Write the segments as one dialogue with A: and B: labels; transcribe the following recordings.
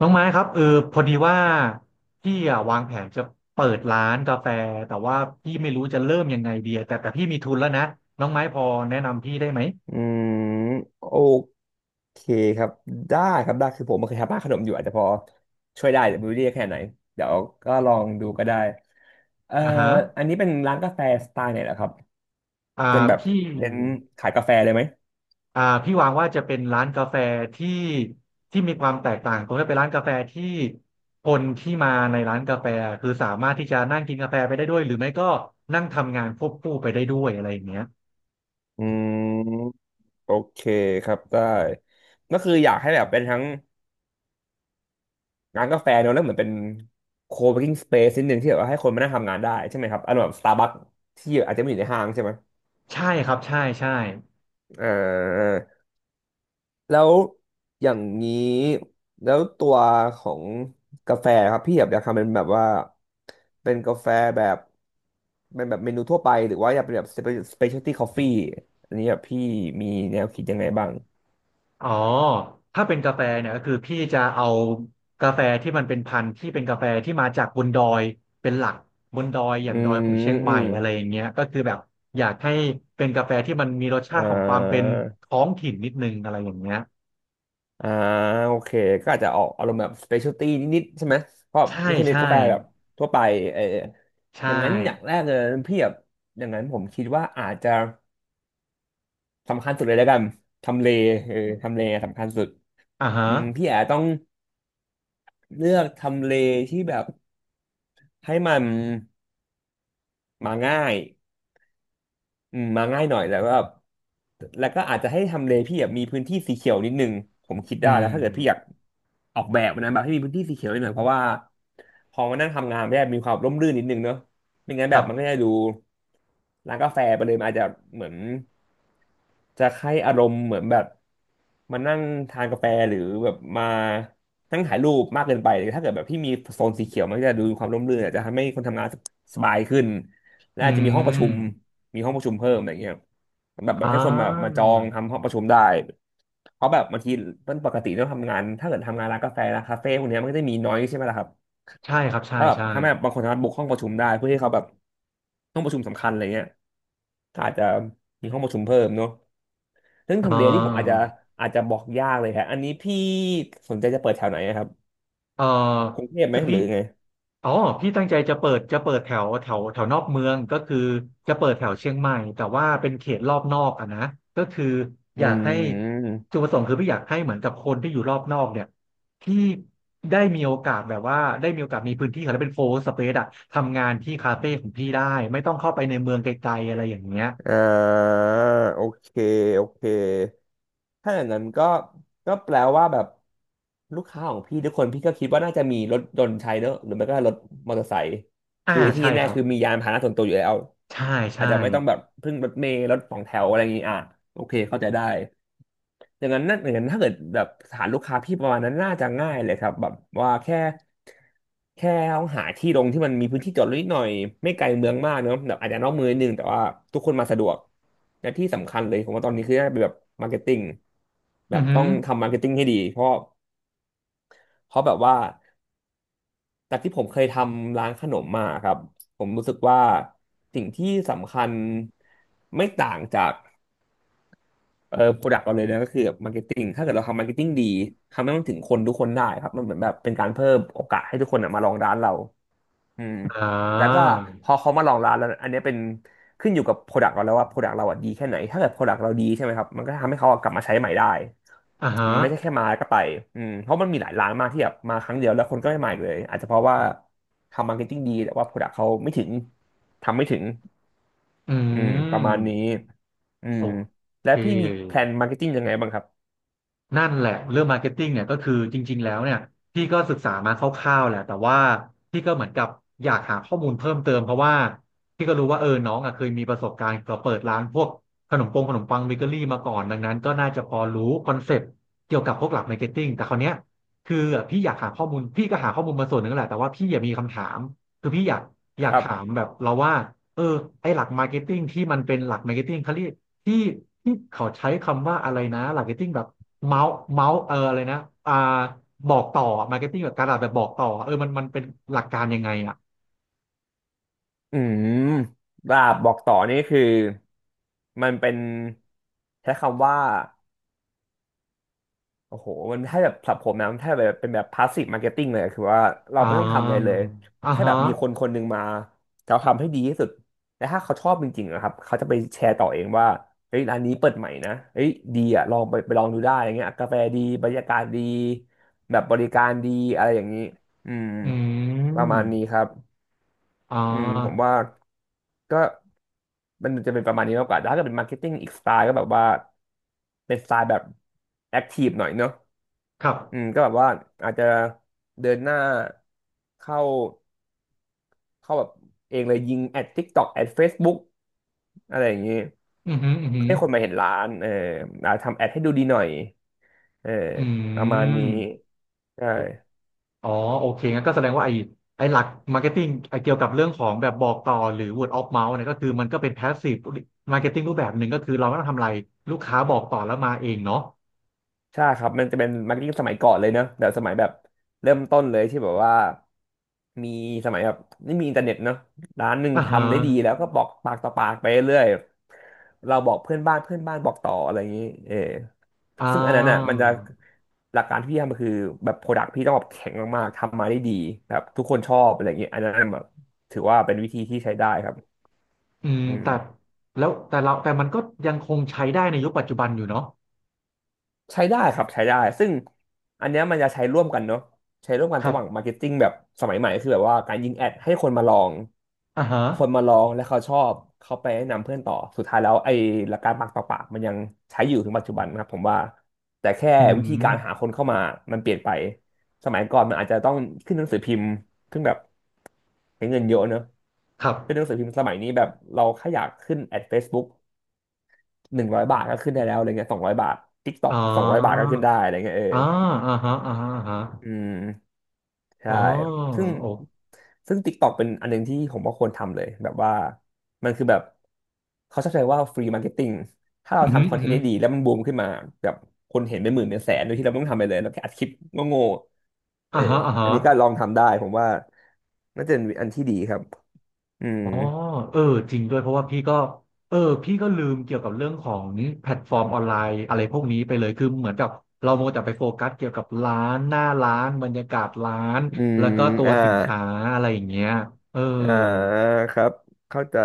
A: น้องไม้ครับเออพอดีว่าพี่อะวางแผนจะเปิดร้านกาแฟแต่ว่าพี่ไม่รู้จะเริ่มยังไงดีอะแต่พี่มีทุนแล้วนะน้องไม้พอแนะนำพี่ได้ไหม
B: อืมโอเคครับได้ครับได้คือผมไเคยทำบ้านขนมอยู่อาจจะพอช่วยได้แต่ไม่รู้ได้แค่ไหนเดี๋ยวก็ลองดูก็ได้เอ่อ
A: อ่าฮะ
B: อันนี้เป็นร้านกาแฟสไตล์ไหนเหรอครับ
A: อ่า
B: เป็นแบบ
A: พี่
B: เน้นขายกาแฟเลยไหม
A: อ่าพี่วางว่าจะเป็นร้านกาแฟที่ที่มีความแตกต่างตรงที่เป็นร้านกาแฟที่คนที่มาในร้านกาแฟคือสามารถที่จะนั่งกินกาแฟไปได้ด้วยหรือไม่ก็นั่งทำงานควบคู่ไปได้ด้วยอะไรอย่างเงี้ย
B: อืมโอเคครับได้ก็คืออยากให้แบบเป็นทั้งร้านกาแฟเนอะแล้วเหมือนเป็นโคเวิร์กิ้งสเปซนิดนึงที่แบบว่าให้คนมานั่งทำงานได้ใช่ไหมครับอารมณ์แบบสตาร์บัคที่อาจจะไม่อยู่ในห้างใช่ไหม
A: ใช่ครับใช่ใช่
B: อ่า แล้วอย่างนี้แล้วตัวของกาแฟครับพี่แบบอยากทำเป็นแบบว่าเป็นกาแฟแบบเป็นแบบเมนูทั่วไปหรือว่าอยากเป็นแบบสเปเชียลตี้คอฟฟี่อันนี้แบบพี่มีแนวคิดยังไงบ้าง
A: อ๋อถ้าเป็นกาแฟเนี่ยก็คือพี่จะเอากาแฟที่มันเป็นพันธุ์ที่เป็นกาแฟที่มาจากบนดอยเป็นหลักบนดอยอย่า
B: อื
A: งดอยของเชี
B: ม
A: ยงให
B: อื
A: ม่
B: ม
A: อะไรอย่างเงี้ยก็คือแบบอยากให้เป็นกาแฟที่มันมีรสชา
B: อ่
A: ติของความเป็น
B: า
A: ท้องถิ่นนิดนึงอะไรอย่างเงี้ย
B: อ่าโอเคก็อาจจะออกอารมณ์แบบสเปเชียลตี้นิดๆใช่ไหมเพราะ
A: ใช่
B: ไม่ใช่เป็น
A: ใช่
B: กาแฟแบบทั่วไปเอออ
A: ใช่
B: ย่างนั้นอย่างแรกเลยพี่แบบอย่างนั้นผมคิดว่าอาจจะ สำคัญสุดเลยแล้วกันทำเลเออทำเลสำคัญสุด
A: อ่าฮะ
B: อืมพี่แอาต้องเลือกทำเลที่แบบให้มันมาง่ายอืมมาง่ายหน่อยแล้วก็แบบแล้วก็อาจจะให้ทำเลพี่แบบมีพื้นที่สีเขียวนิดนึงผมคิด
A: อื
B: ได้
A: ม
B: นะถ้าเกิดพี่อยากออกแบบนะแบบให้มีพื้นที่สีเขียวนิดหน่อยเพราะว่าพอมานั่งทำงานม่ได้มีความร่มรื่นนิดนึงเนอะไม่งั้น
A: ค
B: แบ
A: รั
B: บมันก็
A: บ
B: จะดูร้านกาแฟไปเลยมันอาจจะเหมือน จะให้อารมณ์เหมือนแบบมานั่งทานกาแฟหรือแบบมานั่งถ่ายรูปมากเกินไปถ้าเกิดแบบที่มีโซนสีเขียวมันก็จะดูมีความร่มรื่นอาจจะทำให้คนทำงานสบายขึ้นและ
A: อื
B: อาจจะมีห้องประชุม
A: ม
B: มีห้องประชุมเพิ่มอะไรเงี้ยแบบแบ
A: อ่
B: บให้คนมามาจ
A: า
B: องทำห้องประชุมได้เพราะแบบบางทีมันปกติต้องทำงานถ้าเกิดทำงานร้านกาแฟร้านคาเฟ่พวกเนี้ยมันก็จะมีน้อยใช่ไหมล่ะครับ
A: ใช่ครับใช่
B: ถ้าแบบ
A: ใช่
B: ถ้าแบบบางคนสามารถบุกห้องประชุมได้เพื่อให้เขาแบบห้องประชุมสำคัญอะไรเงี้ยก็อาจจะมีห้องประชุมเพิ่มเนาะเรื่อง
A: อ่
B: ทำเลนี่ผมอาจ
A: า
B: จะอาจจะบอกยากเลยครับอันนี้พี่สนใจจะเปิดแถวไหนอะครับ
A: เออ
B: กรุงเทพไหม
A: คือ
B: ห
A: พี่
B: รือไง
A: อ๋อพี่ตั้งใจจะเปิดจะเปิดแถวแถวแถวนอกเมืองก็คือจะเปิดแถวเชียงใหม่แต่ว่าเป็นเขตรอบนอกอะนะก็คือ
B: อื
A: อยากให้จุด
B: ม
A: ประสงค์คือพี่อยากให้เหมือนกับคนที่อยู่รอบนอกเนี่ยที่ได้มีโอกาสแบบว่าได้มีโอกาสมีพื้นที่แล้วเป็นโฟร์สเปซอะทำงานที่คาเฟ่ของพี่ได้ไม่ต้องเข้าไปในเมืองไกลๆอะไรอย่างเงี้ย
B: อ่าโอเคโอเคถ้าอย่างนั้นก็ก็แปลว่าแบบลูกค้าของพี่ทุกคนพี่ก็คิดว่าน่าจะมีรถยนต์ใช้เนอะหรือไม่ก็รถมอเตอร์ไซค์
A: อ่า
B: คือไอ้ที่
A: ใช่ค
B: แน่
A: รั
B: ๆ
A: บ
B: คือมียานพาหนะส่วนตัวอยู่แล้ว
A: ใช่
B: อาจ
A: ใช่
B: จะไม่ต้องแบบพึ่งรถเมล์รถสองแถวอะไรอย่างงี้อ่ะโอเคเข้าใจได้ อย่างนั้นนั่นอย่างนั้นถ้าเกิดแบบฐานลูกค้าพี่ประมาณนั้นน่าจะง่ายเลยครับแบบว่าแค่แค่ต้องหาที่ลงที่มันมีพื้นที่จอดรถนิดหน่อยไม่ไกลเมืองมากเนอะแบบอาจจะนอกเมืองนิดนึงแต่ว่าทุกคนมาสะดวกและที่สำคัญเลยผมว่าตอนนี้คือน่าจะเป็นแบบมาร์เก็ตติ้งแบ
A: อือ
B: บ
A: หื
B: ต้อ
A: อ
B: งทำมาร์เก็ตติ้งให้ดีเพราะเพราะแบบว่าจากที่ผมเคยทำร้านขนมมาครับผมรู้สึกว่าสิ่งที่สำคัญไม่ต่างจาก เออโปรดักต์เราเลยนะก็คือมาร์เก็ตติ้งถ้าเกิดเราทำมาร์เก็ตติ้งดีทำให้มันถึงคนทุกคนได้ครับมันเหมือนแบบเป็นการเพิ่มโอกาสให้ทุกคนน่ะมาลองร้านเราอืม
A: อ่า
B: แล้วก็พอเขามาลองร้านแล้วอันเนี้ยเป็นขึ้นอยู่กับโปรดักต์เราแล้วว่าโปรดักต์เราอ่ะดีแค่ไหน ถ้าเกิดโปรดักต์เราดีใช่ไหมครับมันก็ทำให้เขาอะกลับมาใช้ใหม่ได้
A: อ่า
B: อื
A: ฮะ
B: มไม่ใช่แค่มาแล้วก็ไปอืมเพราะมันมีหลายร้านมากที่แบบมาครั้งเดียวแล้วคนก็ไม่มาอีกเลยอาจจะเพราะว่าทำมาร์เก็ตติ้งดีแต่ว่าโปรดักต์เขาไม่ถึงทำไม่ถึง
A: อื
B: อืมประ
A: ม
B: มาณนี้ อื
A: โอ
B: ม
A: เค
B: และพี่มีแพลนมาร์เก็ตติ้งยังไงบ้างครับ
A: นั่นแหละเรื่องมาร์เก็ตติ้งเนี่ยก็คือจริงๆแล้วเนี่ยพี่ก็ศึกษามาคร่าวๆแหละแต่ว่าพี่ก็เหมือนกับอยากหาข้อมูลเพิ่มเติมเพราะว่าพี่ก็รู้ว่าเออน้องอ่ะเคยมีประสบการณ์กับเปิดร้านพวกขนมปงขนมปังเบเกอรี่มาก่อนดังนั้นก็น่าจะพอรู้คอนเซปต์เกี่ยวกับพวกหลักมาร์เก็ตติ้งแต่คราวเนี้ยคือพี่อยากหาข้อมูลพี่ก็หาข้อมูลมาส่วนหนึ่งแหละแต่ว่าพี่อยากมีคำถามคือพี่อยากอ
B: ค
A: ยาก
B: รับ
A: ถามแบบเราว่าเออไอหลักมาร์เก็ตติ้งที่มันเป็นหลักมาร์เก็ตติ้งเขาเรียก ที่ที่เขาใช้คำว่าอะไรนะมาร์เกแบบเมาส์เมาส์เอออะไรนะอ่าบอกต่อมาร์เก็ตติ้งแบบการตลาดแบบบอกต่อเออมันเป็นหลักการยังไงอ่ะ
B: อืมลาบบอกต่อนี่คือมันเป็นใช้คำว่า โอ้โห มันถ้าแบบสำหรับผมนะมันถ้าแบบเป็นแบบพาสซีฟมาร์เก็ตติ้งเลย คือว่าเรา
A: อ่
B: ไม่ต้องทำอะไรเล
A: า
B: ย
A: อ่า
B: แค่
A: ฮะ
B: แบบมีคนคนหนึ่งมาเะาทำให้ดีที่สุดและถ้าเขาชอบจริงๆนะครับ เขาจะไปแชร์ต่อเองว่าเฮ้ยร้านนี้เปิดใหม่นะเฮ้ยดีอ่ะลองไปลองดูได้อย่างเงี้ยกาแฟดีบรรยากาศดีแบบบริการดีอะไรอย่างนี้ อืม
A: อื
B: ประ
A: ม
B: มาณนี้ครับ
A: อ่
B: อืมผม
A: า
B: ว่าก็มันจะเป็นประมาณนี้มากกว่า แต่ถ้าเกิดเป็นมาร์เก็ตติ้งอีกสไตล์ก็แบบว่าเป็นสไตล์แบบแอคทีฟหน่อยเนอะ
A: ครับ
B: อืมก็แบบว่าอาจจะเดินหน้าเข้าเข้าแบบเองเลยยิงแอด TikTok แอด Facebook อะไรอย่างนี้
A: อือหืออือหือ
B: ให้คนมาเห็นร้านเอออาจทำแอดให้ดูดีหน่อยเออ
A: อื
B: ประมาณนี้
A: ม
B: ใช่
A: อ๋อโอเคงั้นก็แสดงว่าไอ้ไอ้หลักมาร์เก็ตติ้งเกี่ยวกับเรื่องของแบบบอกต่อหรือ word of mouth เนี่ยก็คือมันก็เป็น passive marketing รูปแบบหนึ่งก็คือเราไม่ต้องทำอะไรลูกค้าบอกต่อแล้วมาเองเนาะ
B: ใช่ครับมันจะเป็นมาร์เก็ตติ้งสมัยก่อนเลยเนอะแบบสมัยแบบเริ่มต้นเลยที่แบบว่ามีสมัยแบบไม่มีอินเทอร์เน็ตเนอะร้านหนึ่ง
A: อ่าฮะ
B: ทำได้ดีแล้วก็บอกปากต่อปากไปเรื่อยเราบอกเพื่อนบ้านเพื่อนบ้านบอกต่ออะไรอย่างนี้เออ
A: อ่
B: ซึ่งอันนั้นอ่ะมั
A: า
B: นจะหลักการที่พี่ทำก็คือแบบโปรดักต์พี่ต้องแบบแข็งมากๆทำมาได้ดีแบบทุกคนชอบอะไรอย่างนี้อันนั้นแบบถือว่าเป็นวิธีที่ใช้ได้ครับ
A: อืม
B: อื
A: แต่
B: ม
A: แล้วแต่เราแต่มันก็ยังคงใช้ได้ในยุคปัจจุบันอยู่เนาะ
B: ใช้ได้ครับใช้ได้ซึ่งอันเนี้ยมันจะใช้ร่วมกันเนาะใช้ร่วมกัน
A: ครั
B: ระหว่างมา
A: บ
B: ร์เก็ตติ้งแบบสมัยใหม่คือแบบว่าการยิงแอดให้คนมาลอง
A: อ่าฮะ
B: คนมาลองและเขาชอบเขาไปแนะนำเพื่อนต่อสุดท้ายแล้วไอ้หลักการปากต่อปากมันยังใช้อยู่ถึงปัจจุบันนะครับผมว่าแต่แค่
A: อื
B: วิธีการหา
A: ม
B: คนเข้ามามันเปลี่ยนไปสมัยก่อนมันอาจจะต้องขึ้นหนังสือพิมพ์ขึ้นแบบใช้เงินเยอะเนอะ
A: ครับ
B: ขึ้นหนังสือพิมพ์สมัยนี้แบบเราแค่อยากขึ้นแอด Facebook 100 บาทก็ขึ้นได้แล้วอะไรเงี้ยสองร้อยบาท
A: อ๋
B: TikTok
A: อ
B: สองร้อยบาทก็ขึ้นได้อะไรเงี้ยเออ
A: อ่าอ่าฮะอ่าฮะอ่าฮะ
B: อืม
A: อ๋
B: ใช่
A: อ
B: ซึ่ง
A: โอ้
B: ซึ่ง TikTok เป็นอันหนึงที่ผมว่าควรทำเลยแบบว่ามันคือแบบเขาชอบใช้ว่า free marketing ถ้า
A: อื
B: เรา
A: มอหืม
B: ทำค
A: อ
B: อน
A: อือ
B: เทน
A: หื
B: ต์
A: อ
B: ได้ดีแล้วมันบูมขึ้นมาแบบคนเห็นเป็นหมื่นเป็นแสนโดยที่เราไม่ต้องทำอะไรเลยเราแค่อัดคลิปโง่ๆเอ
A: อ่า
B: อ
A: ฮะอ่าฮะ
B: อันนี้ก็ลองทำได้ผมว่าน่าจะเป็นอันที่ดีครับอืม
A: อ๋อเออจริงด้วยเพราะว่าพี่ก็เออพี่ก็ลืมเกี่ยวกับเรื่องของแพลตฟอร์มออนไลน์อะไรพวกนี้ไปเลยคือเหมือนกับเราโมวแต่ไปโฟกัสเกี่ยวกับร้านหน้าร้านบรรยากาศร้าน
B: อืม
A: แล้วก็ตัว
B: อ่า
A: สินค้าอะไรอย่างเงี้ยเออ
B: อ่าครับเข้าใจ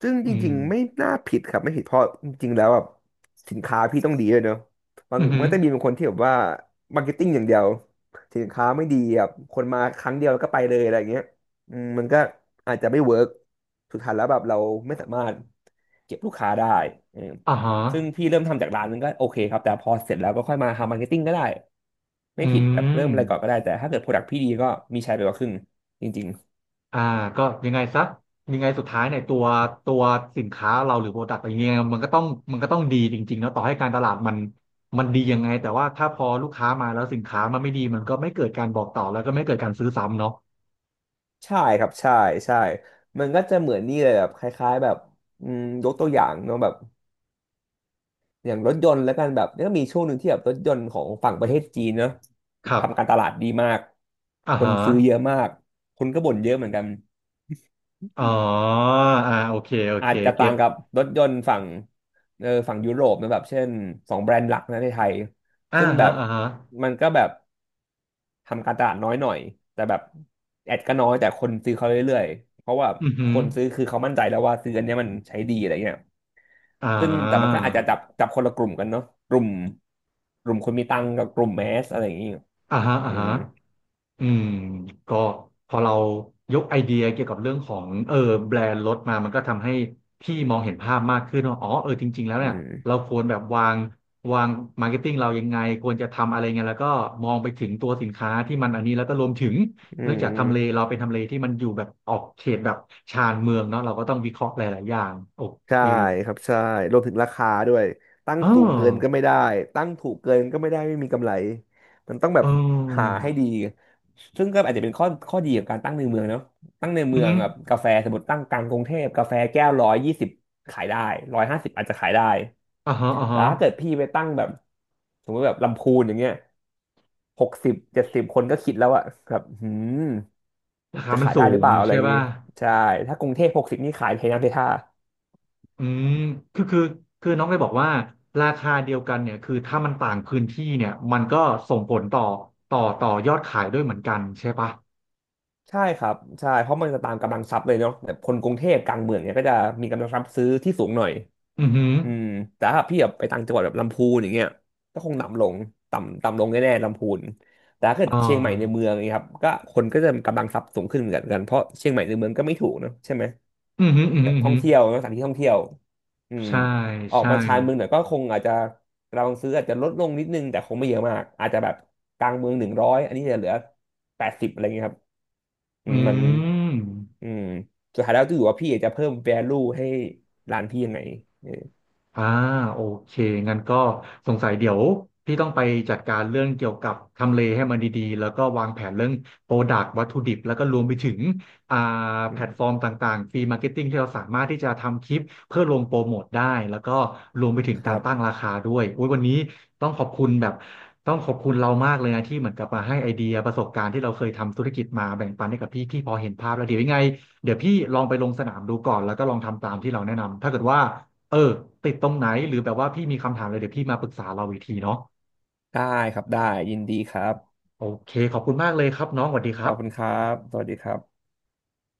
B: ซึ่งจ
A: อื
B: ริงๆไม่
A: ม
B: น่าผิดครับไม่ผิดเพราะจริงๆแล้วแบบสินค้าพี่ต้องดีเลยเนอะบาง
A: อือหื
B: มั
A: อ
B: นจะมีบางคนที่แบบว่ามาร์เก็ตติ้งอย่างเดียวสินค้าไม่ดีแบบคนมาครั้งเดียวแล้วก็ไปเลยอะไรอย่างเงี้ยอืมมันก็อาจจะไม่เวิร์กสุดท้ายแล้วแบบเราไม่สามารถเก็บลูกค้าได้เออ
A: อ่าฮะ
B: ซึ่งพี่เริ่มทำจากร้านนึงก็โอเคครับแต่พอเสร็จแล้วก็ค่อยมาทำมาร์เก็ตติ้งก็ได้ไม่
A: อื
B: ผิดแบบ
A: ม
B: เริ่มอะไรก่อนก็ได้แต่ถ้าเกิดโปรดักต์พี่ดีก็มีใช้ไปกว่าครึ่งจริง
A: อ่าก็ยังไงซะยังไงสุดท้ายเนี่ยตัวตัวสินค้าเราหรือโปรดักต์อะไรเงี้ยมันก็ต้องมันก็ต้องดีจริงๆเนาะต่อให้การตลาดมันดียังไงแต่ว่าถ้าพอลูกค้ามาแล้วสินค้ามันไม่ดีมันก็ไม่เกิดการบอกต่อแล้วก็ไม่เกิดการซื้อซ้ำเนาะ
B: ใช่ครับใช่ใช่ มันก็จะเหมือนนี่เลยแบบคล้ายๆแบบอืมยกตัวอย่างเนาะแบบอย่างรถยนต์แล้วกันแบบก็มีช่วงหนึ่งที่แบบรถยนต์ของฝั่งประเทศจีนเนาะ
A: ครั
B: ทำการต
A: บ
B: ลาดดีมาก
A: อ่า
B: คน
A: ฮะ
B: ซื้อเยอะมากคนก็บ่นเยอะเหมือนกัน
A: อ๋อ อ่าโอเคโอ
B: อา
A: เค
B: จจะ
A: เก็
B: ต่า
A: ต
B: งกับรถยนต์ฝั่งเออฝั่งยุโรปนะแบบเช่น2 แบรนด์หลักนะในไทย
A: อ่า
B: ซึ่งแบ
A: ฮะ
B: บ
A: อ่าฮะ
B: มันก็แบบ ทำการตลาดน้อยหน่อยแต่แบบแอดก็น้อยแต่คนซื้อเขาเรื่อยๆเพราะว่า
A: อือหื
B: ค
A: อ
B: นซื้อคือเขามั่นใจแล้วว่าซื้ออันเนี้ยมันใช้ดีอะไรเงี้ย
A: อ่
B: ซึ่งแต่มันก็
A: า
B: อาจจะจับคนละกลุ่มกันเนาะกลุ่มกลุ่มคนมีตังค์กับกลุ่มแมสอะไรอย่างงี้
A: อ่าฮะอ่า
B: อื
A: ฮะ
B: ม
A: อืมก็พอเรายกไอเดียเกี่ยวกับเรื่องของเออแบรนด์รถมามันก็ทำให้พี่มองเห็นภาพมากขึ้นว่าอ๋อเออจริงๆแล้ว
B: อื
A: เนี่ยเรา
B: ม
A: ควรแบบวางวางมาร์เก็ตติ้งเรายังไงควรจะทำอะไรไงแล้วก็มองไปถึงตัวสินค้าที่มันอันนี้แล้วก็รวมถึง
B: อื
A: เนื่องจากทำเลเรา
B: ม
A: เป็นทำเลที่มันอยู่แบบออกเขตแบบชานเมืองเนาะเราก็ต้องวิเคราะห์หลายๆอย่างโอ
B: ใช่
A: เค
B: ครับใช่รวมถึงราคาด้วยตั้ง
A: อ๋อ
B: สูงเกินก็ไม่ได้ตั้งถูกเกินก็ไม่ได้ไม่มีกำไรมันต้องแบ
A: เอ
B: บหา
A: อ
B: ให้ดีซึ่งก็อาจจะเป็นข้อดีของการตั้งในเมืองเนาะตั้งใน
A: อื
B: เมื
A: อ
B: อง
A: ฮึ
B: แบบกาแฟสมมติตั้งกลางกรุงเทพกาแฟแก้ว120ขายได้150อาจจะขายได้
A: อ่าฮะอ่า
B: แต่
A: ฮะ
B: ถ้าเกิดพี่ไปตั้งแบบสมมติแบบลำพูนอย่างเงี้ย60-70คนก็คิดแล้วอะแบบหืม
A: ราคา
B: จะ
A: มัน
B: ขาย
A: สู
B: ได้หรือ
A: ง
B: เปล่าอะไร
A: ใช่
B: อย่างงี้
A: ป่ะ
B: ใช่ถ้ากรุงเทพหกสิบนี่ขายเทน้ำเทท่า
A: อืมคือคือคือน้องได้บอกว่าราคาเดียวกันเนี่ย คือถ้ามันต่างพื้นที่เนี่ย มันก็ส่งผลต่อต่อยอดขายด้วยเหมือนกันใช่ปะ
B: ใช่ครับใช่เพราะมันจะตามกำลังทรัพย์เลยเนาะแบบคนกรุงเทพกลางเมืองเนี่ยก็จะมีกำลังทรัพย์ซื้อที่สูงหน่อย
A: อือหือ
B: อืมแต่ถ้าพี่แบบไปต่างจังหวัดแบบลำพูนอย่างเงี้ยก็คงต่ำลงต่ำต่ำลงแน่ๆลำพูนแต่ถ้าเกิด
A: อ่
B: เชียงใหม่ในเมื
A: า
B: องอย่างเงี้ยครับก็คนก็จะกำลังทรัพย์สูงขึ้นเหมือนกันเพราะเชียงใหม่ในเมืองก็ไม่ถูกเนอะใช่ไหม
A: อือหืออือ
B: แบ
A: หือ
B: บ
A: อือ
B: ท่อ
A: หื
B: ง
A: อ
B: เที่ยวนะสถานที่ท่องเที่ยวอืม
A: ใช่
B: ออก
A: ใช่
B: มาชานเมืองหน่อยก็คงอาจจะเราซื้ออาจจะลดลงนิดนึงแต่คงไม่เยอะมากอาจจะแบบกลางเมืองหนึ่งร้อยอันนี้จะเหลือ80อะไรเงี้ยครับอื
A: อื
B: มมันอื
A: ม
B: มสุดท้ายแล้วจะอยู่ว่าพี่อยากจะเพิ่ม value ให้ร้านพี่ยังไงเออ
A: อ่าโอเคงั้นก็สงสัยเดี๋ยวพี่ต้องไปจัดการเรื่องเกี่ยวกับทำเลให้มันดีๆแล้วก็วางแผนเรื่องโปรดักต์วัตถุดิบแล้วก็รวมไปถึงอ่า
B: อื
A: แพลตฟอร์
B: ม
A: มต่างๆฟรีมาร์เก็ตติ้งที่เราสามารถที่จะทำคลิปเพื่อลงโปรโมทได้แล้วก็รวมไปถึง
B: ค
A: กา
B: รั
A: ร
B: บ
A: ตั้งราคาด้วยอุยวันนี้ต้องขอบคุณแบบต้องขอบคุณเรามากเลยนะที่เหมือนกับมาให้ไอเดียประสบการณ์ที่เราเคยทำธุรกิจมาแบ่งปันให้กับพี่พอเห็นภาพแล้วเดี๋ยวยังไงเดี๋ยวพี่ลองไปลงสนามดูก่อนแล้วก็ลองทำตามที่เราแนะนำถ้าเกิดว่า เออติดตรงไหนหรือแบบว่าพี่มีคำถามอะไรเดี๋ยวพี่มาปรึกษาเราอีกทีเนาะ
B: ได้ครับได้ยินดีครับ
A: โอเคขอบคุณมากเลยครับน้องสวัสดีค
B: ข
A: รั
B: อ
A: บ
B: บคุณครับสวัสดีครับ